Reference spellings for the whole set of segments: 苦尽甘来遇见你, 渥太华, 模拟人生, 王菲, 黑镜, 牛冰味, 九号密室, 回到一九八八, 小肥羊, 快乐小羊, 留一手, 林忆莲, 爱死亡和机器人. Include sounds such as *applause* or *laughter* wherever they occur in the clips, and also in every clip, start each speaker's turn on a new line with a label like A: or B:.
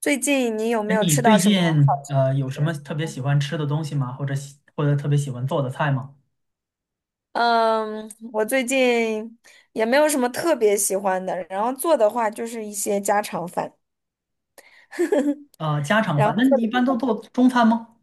A: 最近你有
B: 哎，
A: 没有
B: 你
A: 吃到
B: 最
A: 什么好
B: 近
A: 吃的
B: 有什
A: 东
B: 么
A: 西？
B: 特别喜欢吃的东西吗？或者或者特别喜欢做的菜吗？
A: 嗯，我最近也没有什么特别喜欢的，然后做的话就是一些家常饭，
B: 家
A: *laughs*
B: 常
A: 然
B: 饭，
A: 后
B: 那
A: 做
B: 你一
A: 的比
B: 般都
A: 较
B: 做
A: 多。
B: 中餐吗？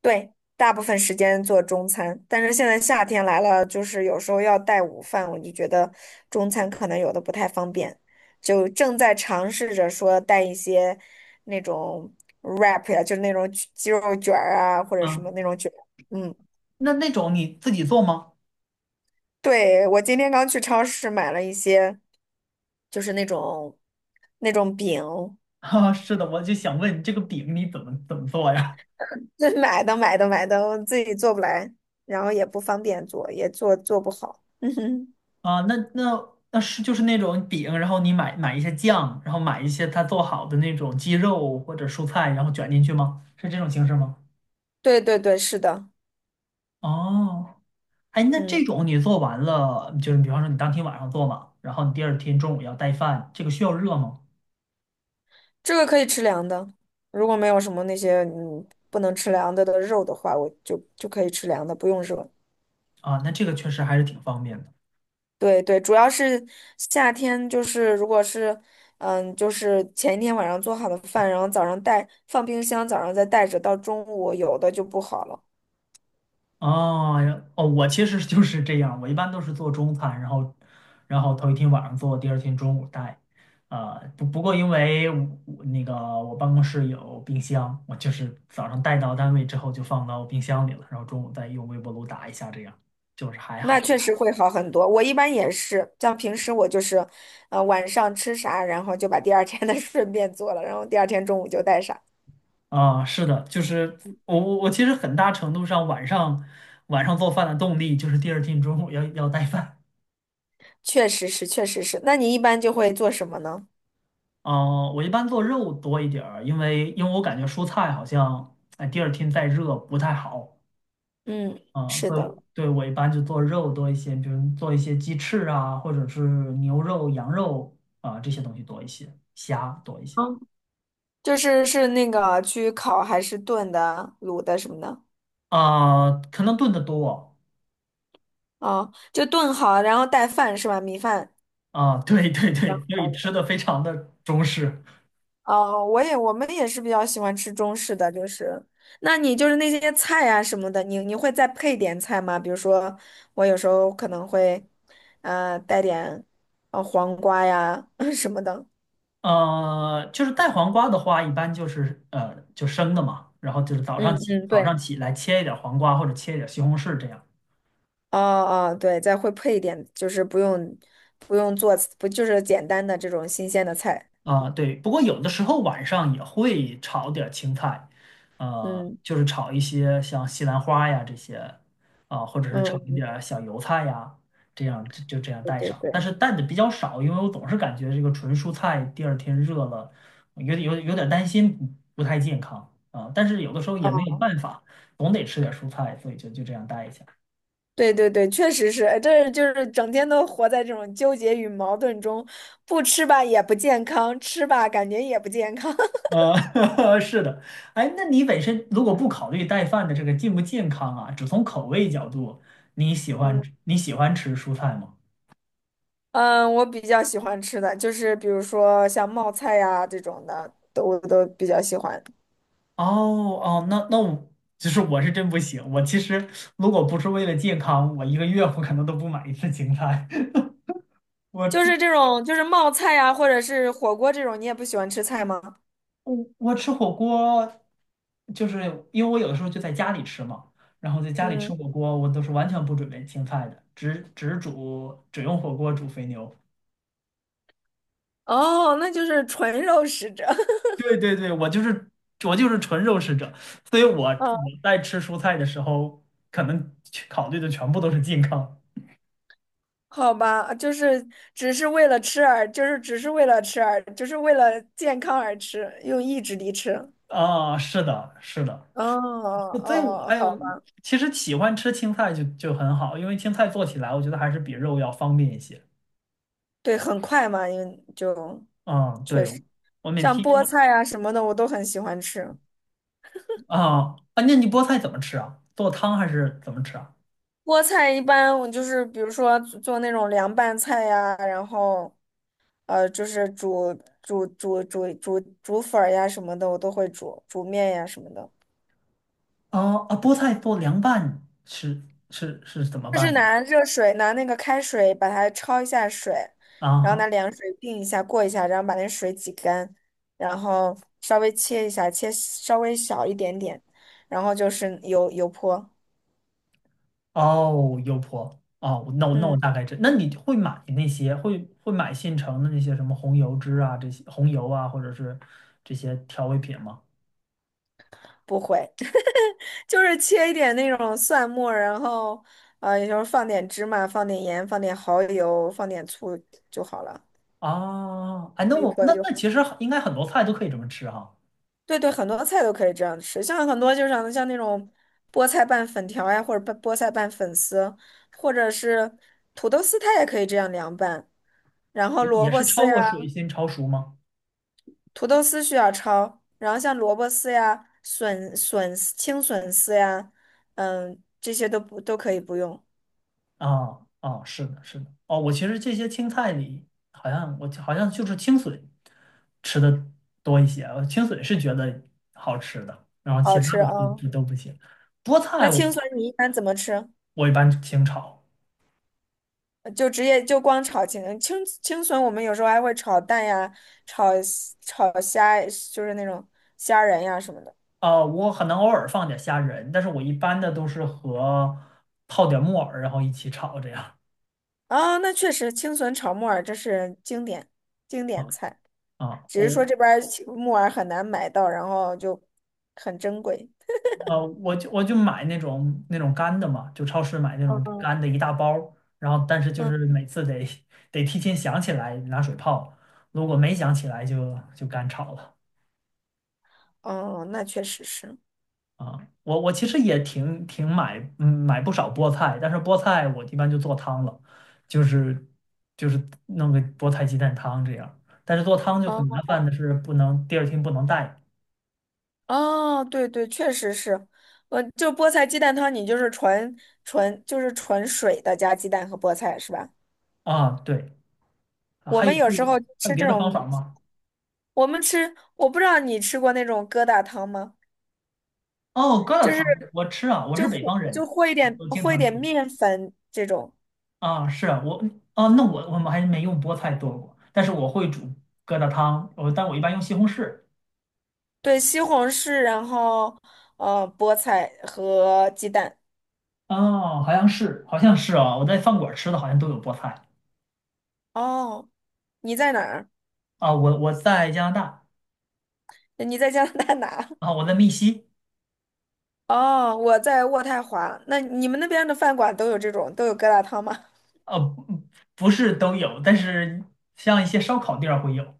A: 对，大部分时间做中餐，但是现在夏天来了，就是有时候要带午饭，我就觉得中餐可能有的不太方便，就正在尝试着说带一些那种 wrap 呀，就是那种鸡肉卷儿啊，或者什么
B: 啊，
A: 那种卷儿。嗯。
B: 那种你自己做吗？
A: 对，我今天刚去超市买了一些，就是那种那种饼，
B: *laughs* 啊，是的，我就想问这个饼你怎么做呀？
A: *laughs* 这买的买的买的，我自己做不来，然后也不方便做，也做做不好。*laughs* 嗯哼。
B: 啊，那是就是那种饼，然后你买一些酱，然后买一些它做好的那种鸡肉或者蔬菜，然后卷进去吗？是这种形式吗？
A: 对对对，是的。
B: 哦。哎，那这
A: 嗯，
B: 种你做完了，就是比方说你当天晚上做嘛，然后你第二天中午要带饭，这个需要热吗？
A: 这个可以吃凉的。如果没有什么那些不能吃凉的的肉的话，我就可以吃凉的，不用热。
B: 啊，那这个确实还是挺方便的。
A: 对对，主要是夏天，就是如果是，嗯，就是前一天晚上做好的饭，然后早上带，放冰箱，早上再带着，到中午有的就不好了。
B: 哦呀哦，我其实就是这样，我一般都是做中餐，然后头一天晚上做，第二天中午带。啊，不过因为我我那个我办公室有冰箱，我就是早上带到单位之后就放到冰箱里了，然后中午再用微波炉打一下，这样就是还
A: 那
B: 好。
A: 确实会好很多。我一般也是，像平时我就是，晚上吃啥，然后就把第二天的 *laughs* 顺便做了，然后第二天中午就带上。
B: 啊，是的，就是我其实很大程度上晚上做饭的动力就是第二天中午要带饭。
A: 确实是，确实是。那你一般就会做什么呢？
B: 啊，我一般做肉多一点儿，因为我感觉蔬菜好像哎第二天再热不太好
A: 嗯，
B: 啊，
A: 是
B: 所以我
A: 的。
B: 对我一般就做肉多一些，比如做一些鸡翅啊，或者是牛肉、羊肉啊这些东西多一些，虾多一些
A: 嗯，就是是那个去烤还是炖的、卤的什么的。
B: 啊，可能炖的多
A: 哦，就炖好，然后带饭是吧？米饭。
B: 啊，对对
A: 然
B: 对，所以吃
A: 后
B: 的非常的中式。
A: 哦，我也我们也是比较喜欢吃中式的，就是，那你就是那些菜呀什么的，你你会再配点菜吗？比如说，我有时候可能会，带点，黄瓜呀 *laughs* 什么的。
B: 就是带黄瓜的话，一般就是就生的嘛，然后就是早上
A: 嗯
B: 起
A: 嗯，
B: 早
A: 对。
B: 上起来切一点儿黄瓜或者切一点儿西红柿这样。
A: 哦哦，对，再会配一点，就是不用不用做，不就是简单的这种新鲜的菜。
B: 啊，对，不过有的时候晚上也会炒点儿青菜，
A: 嗯
B: 就是炒一些像西兰花呀这些，啊，或者是炒一
A: 嗯，
B: 点儿小油菜呀，这样就这样
A: 对
B: 带
A: 对
B: 上。但
A: 对。
B: 是带的比较少，因为我总是感觉这个纯蔬菜第二天热了，有点担心不太健康啊。但是有的时候也没
A: 哦
B: 有办法，总得吃点蔬菜，所以就这样带一下。
A: 对对对，确实是，哎这就是整天都活在这种纠结与矛盾中，不吃吧也不健康，吃吧感觉也不健康。*laughs*
B: *laughs* 是的，哎，那你本身如果不考虑带饭的这个健不健康啊，只从口味角度，你喜欢
A: 嗯
B: 你喜欢吃蔬菜吗？
A: 嗯，我比较喜欢吃的就是比如说像冒菜呀、这种的，都我都比较喜欢。
B: 哦哦，那我就是我是真不行，我其实如果不是为了健康，我一个月我可能都不买一次青菜。*laughs* 我
A: 就
B: 吃
A: 是这种就是冒菜呀、或者是火锅这种，你也不喜欢吃菜吗？
B: 我吃火锅，就是因为我有的时候就在家里吃嘛，然后在家里吃
A: 嗯。
B: 火锅，我都是完全不准备青菜的，只用火锅煮肥牛。
A: 哦，那就是纯肉食者。*laughs*
B: 对对对，我就是纯肉食者，所以我
A: 嗯，
B: 在吃蔬菜的时候，可能去考虑的全部都是健康
A: 好吧，就是只是为了吃而，就是只是为了吃而，就是为了健康而吃，用意志力吃。
B: 啊。是的，是的，
A: 哦哦，
B: 所以我
A: 哦哦
B: 哎
A: 好
B: 呦，
A: 吧。
B: 其实喜欢吃青菜就很好，因为青菜做起来我觉得还是比肉要方便一些。
A: 对，很快嘛，因为就
B: 嗯，对，我每
A: 像
B: 天
A: 菠菜啊什么的，我都很喜欢吃。
B: 啊啊，那你菠菜怎么吃啊？做汤还是怎么吃啊？
A: 菠菜一般我就是比如说做那种凉拌菜呀，然后就是煮煮粉儿呀什么的，我都会煮煮面呀什么的。
B: 啊啊，菠菜做凉拌是怎么
A: 就是
B: 办呢？
A: 拿热水，拿那个开水把它焯一下水，
B: 啊
A: 然后
B: 哈
A: 拿凉水定一下，过一下，然后把那水挤干，然后稍微切一下，切稍微小一点点，然后就是油油泼。
B: 哦，油泼哦，那我那我
A: 嗯，
B: 大概知，那你会买那些会买现成的那些什么红油汁啊，这些红油啊，或者是这些调味品吗？
A: 不会。*laughs* 就是切一点那种蒜末，然后也就是放点芝麻，放点盐，放点蚝油，放点醋就好了。
B: 啊，哎，那
A: 可以
B: 我
A: 泼
B: 那
A: 就
B: 那其实应该很多菜都可以这么吃哈，
A: 对对，很多菜都可以这样吃，像很多就是像像那种菠菜拌粉条呀，或者拌菠菜拌粉丝，或者是土豆丝，它也可以这样凉拌。然后
B: 也
A: 萝
B: 也
A: 卜
B: 是
A: 丝
B: 焯
A: 呀，
B: 过水先焯熟吗？
A: 土豆丝需要焯，然后像萝卜丝呀、笋丝青笋丝呀，嗯，这些都不都可以不用，
B: 啊啊，是的，是的，哦，我其实这些青菜里我好像就是青笋吃的多一些，青笋是觉得好吃的，然后
A: 好
B: 其他
A: 吃
B: 的
A: 啊。
B: 都不行，菠
A: 那
B: 菜我
A: 青笋你一般怎么吃？
B: 我一般清炒。
A: 就直接就光炒青笋，我们有时候还会炒蛋呀，炒炒虾，就是那种虾仁呀什么的。
B: 我可能偶尔放点虾仁，但是我一般的都是和泡点木耳，然后一起炒这样。
A: 啊、那确实青笋炒木耳这是经典经
B: 啊
A: 典菜，
B: 啊，
A: 只是说这边儿青木耳很难买到，然后就很珍贵。
B: 我就买那种干的嘛，就超市买那种
A: 嗯。
B: 干的一大包儿然后但是就
A: 嗯。
B: 是每次得 *laughs* 得提前想起来拿水泡，如果没想起来就干炒了。
A: 哦，那确实是。
B: 啊，我其实也挺买，嗯，买不少菠菜，但是菠菜我一般就做汤了，就是就是弄个菠菜鸡蛋汤这样。但是做汤就很麻
A: 哦
B: 烦的是，不能第二天不能带
A: 哦，对对，确实是。我就菠菜鸡蛋汤，你就是纯就是纯水的加鸡蛋和菠菜是吧？
B: 啊。对，啊
A: 我们有时候
B: 还有
A: 吃
B: 别
A: 这
B: 的方法
A: 种。
B: 吗？
A: 我们吃，我不知道你吃过那种疙瘩汤吗？
B: 哦，疙瘩
A: 就是
B: 汤我吃啊，我是
A: 就
B: 北
A: 和
B: 方人，
A: 就和一
B: 我
A: 点
B: 我经
A: 和一
B: 常
A: 点
B: 吃
A: 面粉这种。
B: 啊。是啊，我啊，那我们还没用菠菜做过，但是我会煮疙瘩汤，但我一般用西红柿。
A: 对，西红柿，然后菠菜和鸡蛋。
B: 哦，好像是啊，我在饭馆吃的好像都有菠菜。
A: 哦，你在哪儿？
B: 啊，我在加拿大
A: 你在加拿大哪？
B: 啊，
A: *laughs*
B: 我在密西，
A: 哦，我在渥太华。那你们那边的饭馆都有这种都有疙瘩汤吗？
B: 呃，不不是都有，但是像一些烧烤店儿会有。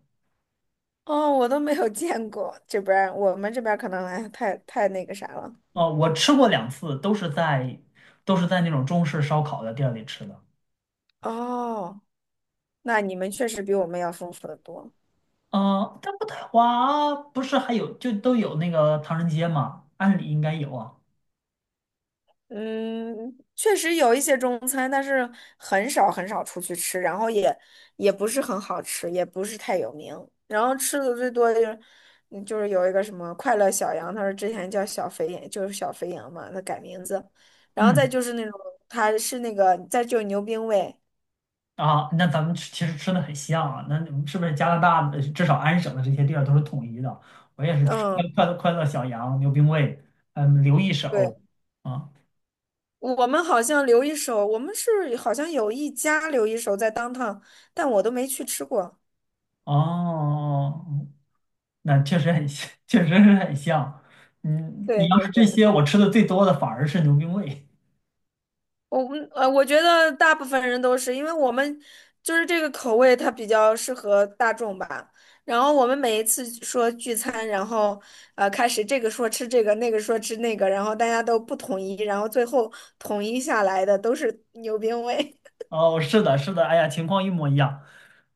A: *laughs* 哦，我都没有见过，这边儿我们这边儿可能哎太太那个啥了。
B: 哦，我吃过两次，都是在那种中式烧烤的店儿里吃的。
A: 哦，那你们确实比我们要丰富的多。
B: 啊，但渥太华不是还有就都有那个唐人街嘛？按理应该有啊。
A: 嗯，确实有一些中餐，但是很少很少出去吃，然后也也不是很好吃，也不是太有名。然后吃的最多就是，嗯就是有一个什么快乐小羊，他说之前叫小肥羊，就是小肥羊嘛，他改名字。然后再
B: 嗯，
A: 就是那种，他是那个，再就是牛冰味。
B: 啊，那咱们吃其实吃的很像啊。那你们是不是加拿大的至少安省的这些店儿都是统一的？我也是吃快
A: 嗯，
B: 快乐快乐小羊、牛冰味，嗯，刘一手
A: 对，
B: 啊。
A: 我们好像留一手，我们是好像有一家留一手在当 o， 但我都没去吃过。
B: 哦，哦哦那确实很像，*laughs* 确实是很像。嗯，你
A: 对
B: 要
A: 对
B: 是这
A: 对。
B: 些，我吃的最多的反而是牛冰味。
A: 我我觉得大部分人都是，因为我们就是这个口味，它比较适合大众吧。然后我们每一次说聚餐，然后开始这个说吃这个，那个说吃那个，然后大家都不统一，然后最后统一下来的都是 *laughs* 牛鞭味。
B: 哦，是的，是的，哎呀，情况一模一样。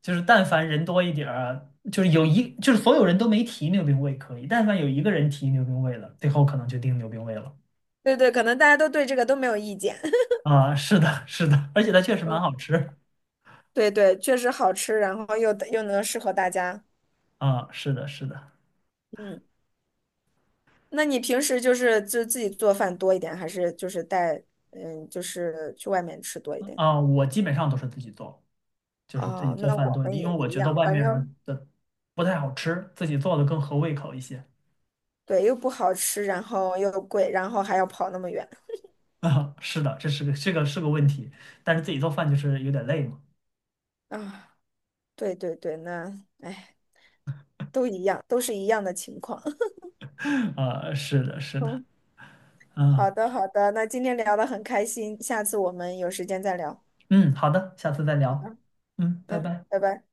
B: 就是但凡人多一点儿，就是就是所有人都没提牛冰味可以，但凡有一个人提牛冰味了，最后可能就定牛冰味了。
A: *laughs* 对对，可能大家都对这个都没有意见。*laughs*
B: 啊，是的，是的，而且它确实蛮
A: 嗯，
B: 好吃。
A: 对对，确实好吃，然后又又能适合大家。
B: 啊，是的，是的，
A: 嗯，那你平时就是就自己做饭多一点，还是就是带嗯就是去外面吃多一点？
B: 啊，我基本上都是自己做。就是自己
A: 哦，
B: 做
A: 那
B: 饭
A: 我
B: 多一
A: 们
B: 点，因
A: 也
B: 为我
A: 一
B: 觉得
A: 样，
B: 外
A: 反
B: 面儿
A: 正
B: 的不太好吃，自己做的更合胃口一些。
A: 对，又不好吃，然后又贵，然后还要跑那么远。
B: *laughs* 啊，是的，这个是个问题，但是自己做饭就是有点累嘛。
A: 啊！对对对，那哎，都一样，都是一样的情况。*laughs*
B: *laughs* 啊，是的，是的，
A: 嗯，好
B: 啊，
A: 的好的，那今天聊得很开心，下次我们有时间再聊。
B: 嗯，好的，下次再聊，嗯，拜
A: 嗯，
B: 拜。
A: 拜拜。